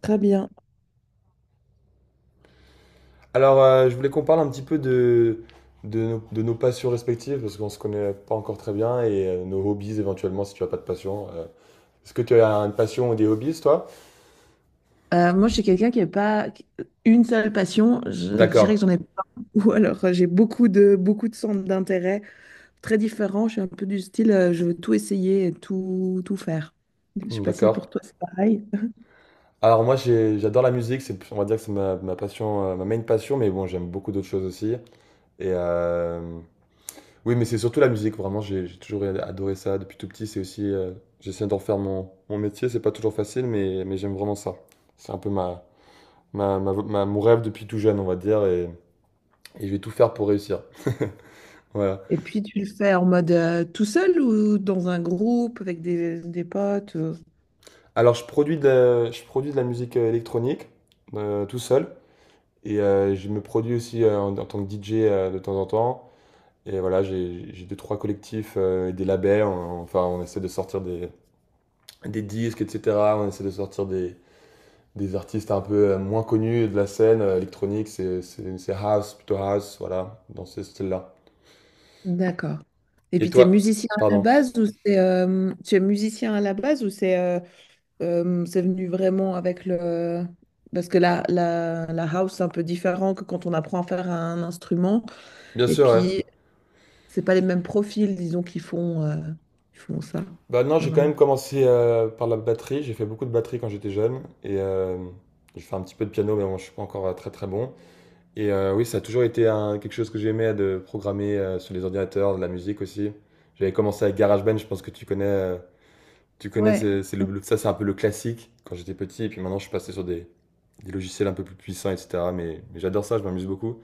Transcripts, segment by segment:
Très bien. Je voulais qu'on parle un petit peu de nos passions respectives, parce qu'on se connaît pas encore très bien, et nos hobbies éventuellement, si tu as pas de passion. Est-ce que tu as une passion ou des hobbies, toi? Moi, je suis quelqu'un qui n'a pas une seule passion. Je D'accord. dirais que j'en ai pas. Ou alors, j'ai beaucoup de centres d'intérêt très différents. Je suis un peu du style, je veux tout essayer et tout faire. Je ne sais pas si D'accord. pour toi, c'est pareil. Alors moi, j'adore la musique, on va dire que c'est ma passion, ma main passion, mais bon, j'aime beaucoup d'autres choses aussi. Et euh, oui, mais c'est surtout la musique, vraiment, j'ai toujours adoré ça depuis tout petit. C'est aussi, j'essaie d'en faire mon métier, c'est pas toujours facile, mais j'aime vraiment ça. C'est un peu mon rêve depuis tout jeune, on va dire, et je vais tout faire pour réussir. Voilà. Et puis, tu le fais en mode tout seul ou dans un groupe avec des potes Alors, je produis de la musique électronique tout seul, je me produis aussi en tant que DJ de temps en temps. Et voilà, j'ai deux, trois collectifs et des labels. Enfin, on essaie de sortir des disques, etc. On essaie de sortir des artistes un peu moins connus de la scène électronique. C'est house, plutôt house, voilà, dans ce style-là. d'accord. Et Et puis, tu es toi, musicien à la pardon. base ou c'est, tu es musicien à la base ou c'est euh, c'est venu vraiment avec le... Parce que la house, c'est un peu différent que quand on apprend à faire un instrument. Bien Et sûr, ouais. puis, c'est pas les mêmes profils, disons, qui font ça, Bah non, j'ai quand généralement. même commencé par la batterie. J'ai fait beaucoup de batterie quand j'étais jeune. J'ai fait un petit peu de piano, mais bon, je suis pas encore très très bon. Oui, ça a toujours été quelque chose que j'aimais de programmer sur les ordinateurs, de la musique aussi. J'avais commencé avec GarageBand, je pense que tu connais. Tu connais, Ouais, c'est ça c'est un peu le classique quand j'étais petit. Et puis maintenant, je suis passé sur des logiciels un peu plus puissants, etc. Mais j'adore ça, je m'amuse beaucoup.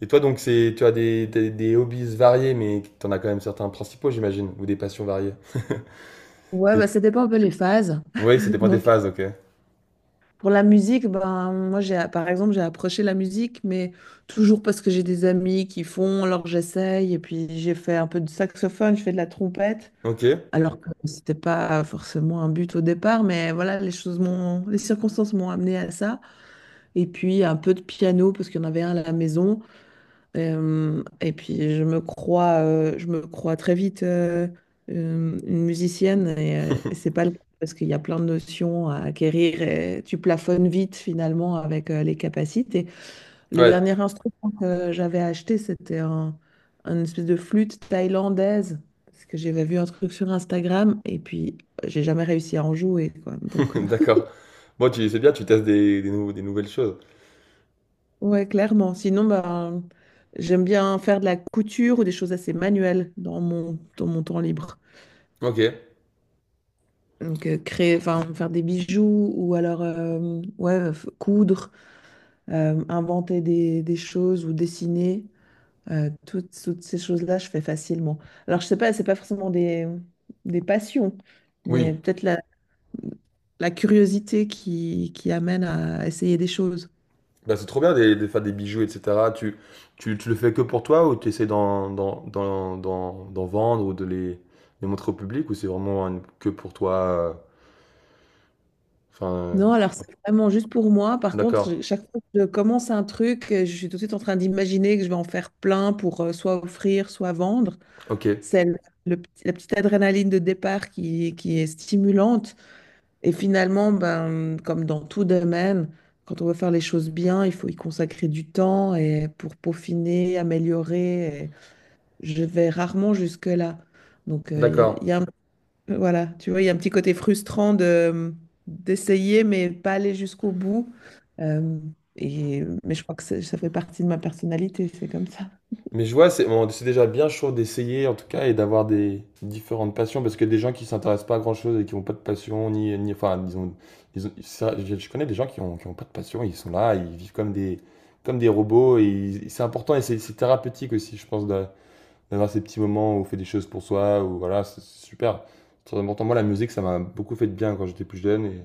Et toi, donc, tu as des hobbies variés, mais t'en as quand même certains principaux, j'imagine, ou des passions variées. ouais, bah, ça dépend un peu les phases. Oui, ça dépend des Donc, phases, ok. pour la musique, ben, moi, j'ai, par exemple, j'ai approché la musique, mais toujours parce que j'ai des amis qui font, alors j'essaye. Et puis, j'ai fait un peu de saxophone, je fais de la trompette. Ok. Alors que c'était pas forcément un but au départ, mais voilà, les choses m'ont, les circonstances m'ont amené à ça. Et puis un peu de piano parce qu'il y en avait un à la maison. Et puis je me crois très vite une musicienne et c'est pas le cas parce qu'il y a plein de notions à acquérir et tu plafonnes vite finalement avec les capacités. Le Ouais, dernier instrument que j'avais acheté, une espèce de flûte thaïlandaise. Parce que j'avais vu un truc sur Instagram et puis j'ai jamais réussi à en jouer, quoi. Donc, d'accord. Bon, tu c'est bien, tu testes des nouvelles choses. ouais, clairement. Sinon, ben, j'aime bien faire de la couture ou des choses assez manuelles dans dans mon temps libre. Ok. Donc, créer, enfin, faire des bijoux ou alors, ouais, coudre, inventer des choses ou dessiner. Toutes ces choses-là, je fais facilement. Alors, je sais pas, c'est pas forcément des passions, mais Oui. peut-être la curiosité qui amène à essayer des choses. Bah, c'est trop bien de faire des bijoux, etc. Tu le fais que pour toi ou tu essaies d'en vendre ou de les montrer au public ou c'est vraiment que pour toi? euh, Enfin, euh, Non, alors c'est vraiment juste pour moi. Par contre, d'accord. Chaque fois que je commence un truc, je suis tout de suite en train d'imaginer que je vais en faire plein pour soit offrir, soit vendre. Ok. C'est la petite adrénaline de départ qui est stimulante. Et finalement, ben, comme dans tout domaine, quand on veut faire les choses bien, il faut y consacrer du temps et pour peaufiner, améliorer, et je vais rarement jusque-là. Donc, D'accord. il y a, un- voilà, tu vois, il y a un petit côté frustrant de, d'essayer, mais pas aller jusqu'au bout. Euh, et, mais je crois que ça fait partie de ma personnalité, c'est comme ça. Mais je vois, c'est bon, c'est déjà bien chaud d'essayer en tout cas et d'avoir des différentes passions parce que des gens qui s'intéressent pas à grand-chose et qui n'ont pas de passion, ni enfin, ils ont- ça, je connais des gens qui ont pas de passion, ils sont là, ils vivent comme comme des robots et ils- c'est important et c'est thérapeutique aussi, je pense, d'avoir ces petits moments où on fait des choses pour soi, ou voilà, c'est super. C'est très important. Moi, la musique, ça m'a beaucoup fait de bien quand j'étais plus jeune,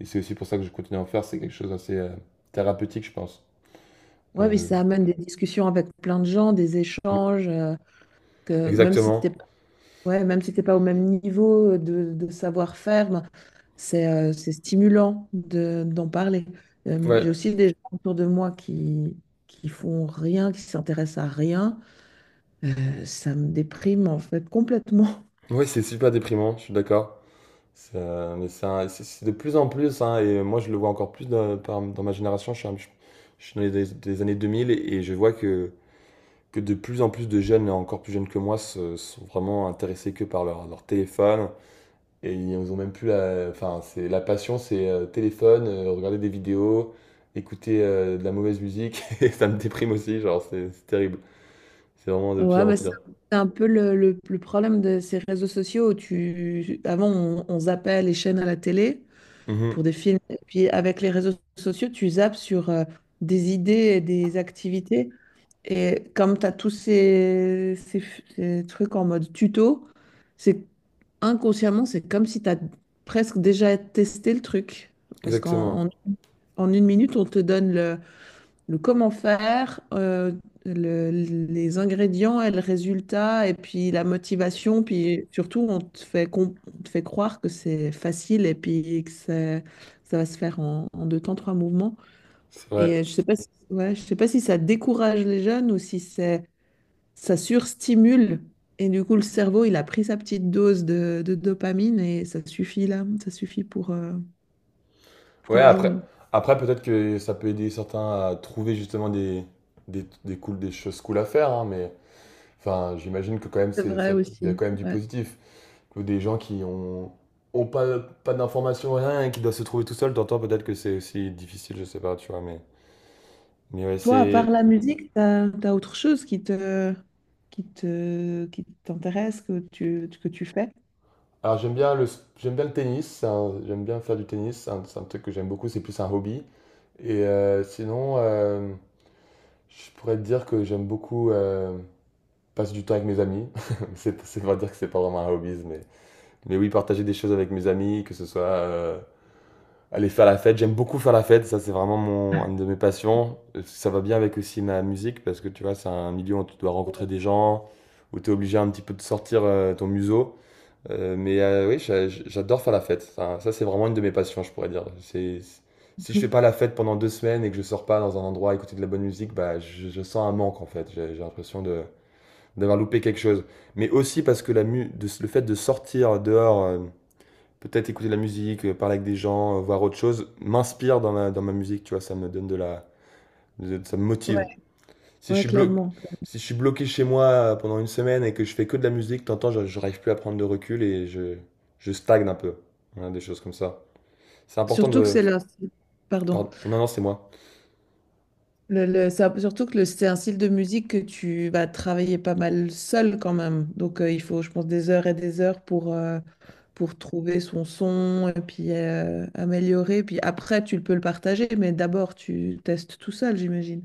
et c'est aussi pour ça que je continue à en faire, c'est quelque chose d'assez thérapeutique, je pense. Ouais, mais Euh, ça amène des discussions avec plein de gens, des oui, échanges, que même si t'es exactement. pas, ouais, même si t'es pas au même niveau de savoir-faire, ben, c'est stimulant de, d'en parler. Ouais. J'ai aussi des gens autour de moi qui font rien, qui s'intéressent à rien. Ça me déprime en fait complètement. Oui, c'est super déprimant, je suis d'accord. Mais c'est c'est de plus en plus, hein, et moi je le vois encore plus dans ma génération. Je suis, je suis dans des années 2000 et je vois que de plus en plus de jeunes, encore plus jeunes que moi, se- sont vraiment intéressés que par leur téléphone. Et ils ont même plus la, enfin, c'est, la passion, c'est téléphone, regarder des vidéos, écouter de la mauvaise musique. Et ça me déprime aussi, genre c'est terrible. C'est vraiment de Ouais, pire en bah, pire. c'est un peu le problème de ces réseaux sociaux où tu... Avant, on zappait les chaînes à la télé Mhm, pour des films. Et puis, avec les réseaux sociaux, tu zappes sur des idées et des activités. Et comme tu as tous ces trucs en mode tuto, c'est inconsciemment, c'est comme si tu as presque déjà testé le truc. Parce exactement, qu'en en, en une minute, on te donne le comment faire, les ingrédients et le résultat, et puis la motivation, puis surtout on te fait, on te fait croire que c'est facile et puis que ça va se faire en, en deux temps, trois mouvements. c'est vrai. Et je sais pas si, ouais, je sais pas si ça décourage les jeunes ou si c'est, ça surstimule. Et du coup, le cerveau, il a pris sa petite dose de dopamine et ça suffit là, ça suffit pour Ouais, la après, journée. après peut-être que ça peut aider certains à trouver justement cool, des choses cool à faire, hein, mais enfin, j'imagine que quand même, C'est vrai ça- il y a aussi, quand même du ouais. positif. Que des gens qui ont pas d'informations, rien, et qui doivent se trouver tout seuls, t'entends peut-être que c'est aussi difficile, je sais pas, tu vois, mais ouais, Toi, à c'est. part la musique, t'as, t'as autre chose qui te, qui te, qui t'intéresse, que tu fais? Alors j'aime bien j'aime bien le tennis, j'aime bien faire du tennis, c'est un truc que j'aime beaucoup, c'est plus un hobby. Et euh, sinon, euh, je pourrais te dire que j'aime beaucoup, passe du temps avec mes amis. C'est pas dire que c'est pas vraiment un hobby, mais oui, partager des choses avec mes amis, que ce soit aller faire la fête. J'aime beaucoup faire la fête, ça c'est vraiment mon, une de mes passions. Ça va bien avec aussi ma musique, parce que tu vois, c'est un milieu où tu dois rencontrer des gens, où tu es obligé un petit peu de sortir ton museau. Oui, j'adore faire la fête. Ça, c'est vraiment une de mes passions, je pourrais dire. C'est, si je fais pas la fête pendant deux semaines et que je sors pas dans un endroit à écouter de la bonne musique, bah, je sens un manque en fait. J'ai l'impression d'avoir loupé quelque chose. Mais aussi parce que le fait de sortir dehors, peut-être écouter de la musique, parler avec des gens, voir autre chose, m'inspire dans dans ma musique, tu vois, ça me donne de la... ça me Ouais, motive. Si je ouais, suis blo- clairement. Si je suis bloqué chez moi pendant une semaine et que je fais que de la musique, t'entends, je n'arrive plus à prendre de recul et je stagne un peu. Voilà, des choses comme ça. C'est important Surtout que de... c'est la... Pardon. Pardon. Non, non, c'est moi. Surtout que c'est un style de musique que tu vas travailler pas mal seul quand même. Donc il faut, je pense, des heures et des heures pour trouver son son et puis améliorer. Puis après, tu peux le partager, mais d'abord, tu testes tout seul, j'imagine.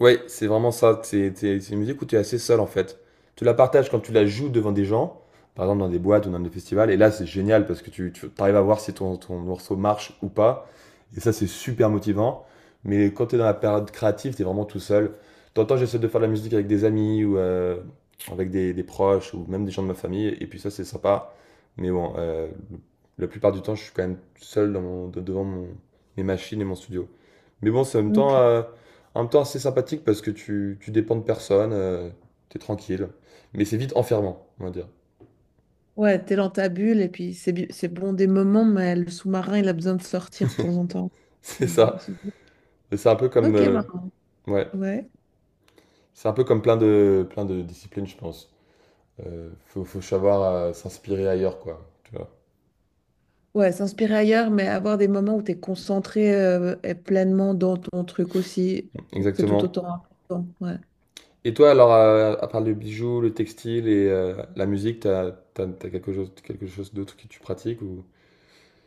Ouais, c'est vraiment ça. C'est une musique où tu es assez seul en fait. Tu la partages quand tu la joues devant des gens, par exemple dans des boîtes ou dans des festivals. Et là, c'est génial parce que tu arrives à voir si ton morceau marche ou pas. Et ça, c'est super motivant. Mais quand tu es dans la période créative, tu es vraiment tout seul. T'entends, j'essaie de faire de la musique avec des amis ou avec des proches ou même des gens de ma famille. Et puis ça, c'est sympa. Mais bon, euh, la plupart du temps, je suis quand même seul dans devant mes machines et mon studio. Mais bon, c'est en même temps. Ok. euh, en même temps, assez sympathique parce que tu dépends de personne, t'es tranquille. Mais c'est vite enfermant, on va dire. Ouais, t'es dans ta bulle et puis c'est bon des moments, mais le sous-marin, il a besoin de sortir de temps en temps. C'est ça. Et c'est un peu comme, Ok, euh, bah, ouais, ouais. c'est un peu comme plein plein de disciplines, je pense. Faut savoir s'inspirer ailleurs, quoi. Tu vois. Ouais, s'inspirer ailleurs, mais avoir des moments où tu es concentré et pleinement dans ton truc aussi, c'est tout Exactement. autant important. Ouais. Et toi, alors, à part le bijou, le textile et la musique, t'as quelque chose d'autre que tu pratiques ou...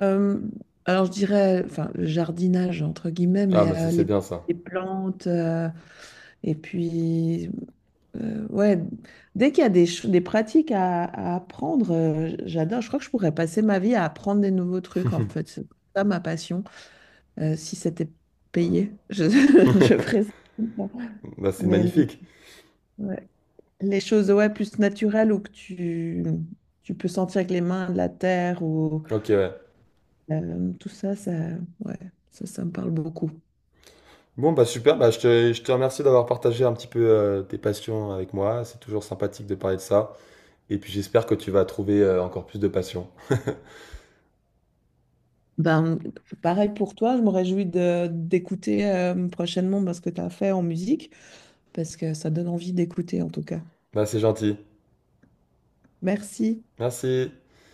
Euh, alors, je dirais, enfin, le jardinage, entre guillemets, Ah, bah mais c'est c'est bien ça. les plantes, et puis, ouais, dès qu'il y a des pratiques à apprendre, j'adore. Je crois que je pourrais passer ma vie à apprendre des nouveaux trucs, en fait. C'est ça ma passion. Si c'était payé, je, je ferais ça. Bah, c'est Mais magnifique. ouais. Les choses, ouais, plus naturelles ou que tu peux sentir avec les mains de la terre ou Ok, ouais. Tout ça, ça, ouais, ça me parle beaucoup. Bon, bah super, bah je te remercie d'avoir partagé un petit peu tes passions avec moi. C'est toujours sympathique de parler de ça. Et puis j'espère que tu vas trouver encore plus de passion. Ben, pareil pour toi, je me réjouis de d'écouter prochainement ben, ce que tu as fait en musique, parce que ça donne envie d'écouter en tout cas. Bah c'est gentil. Merci. Merci.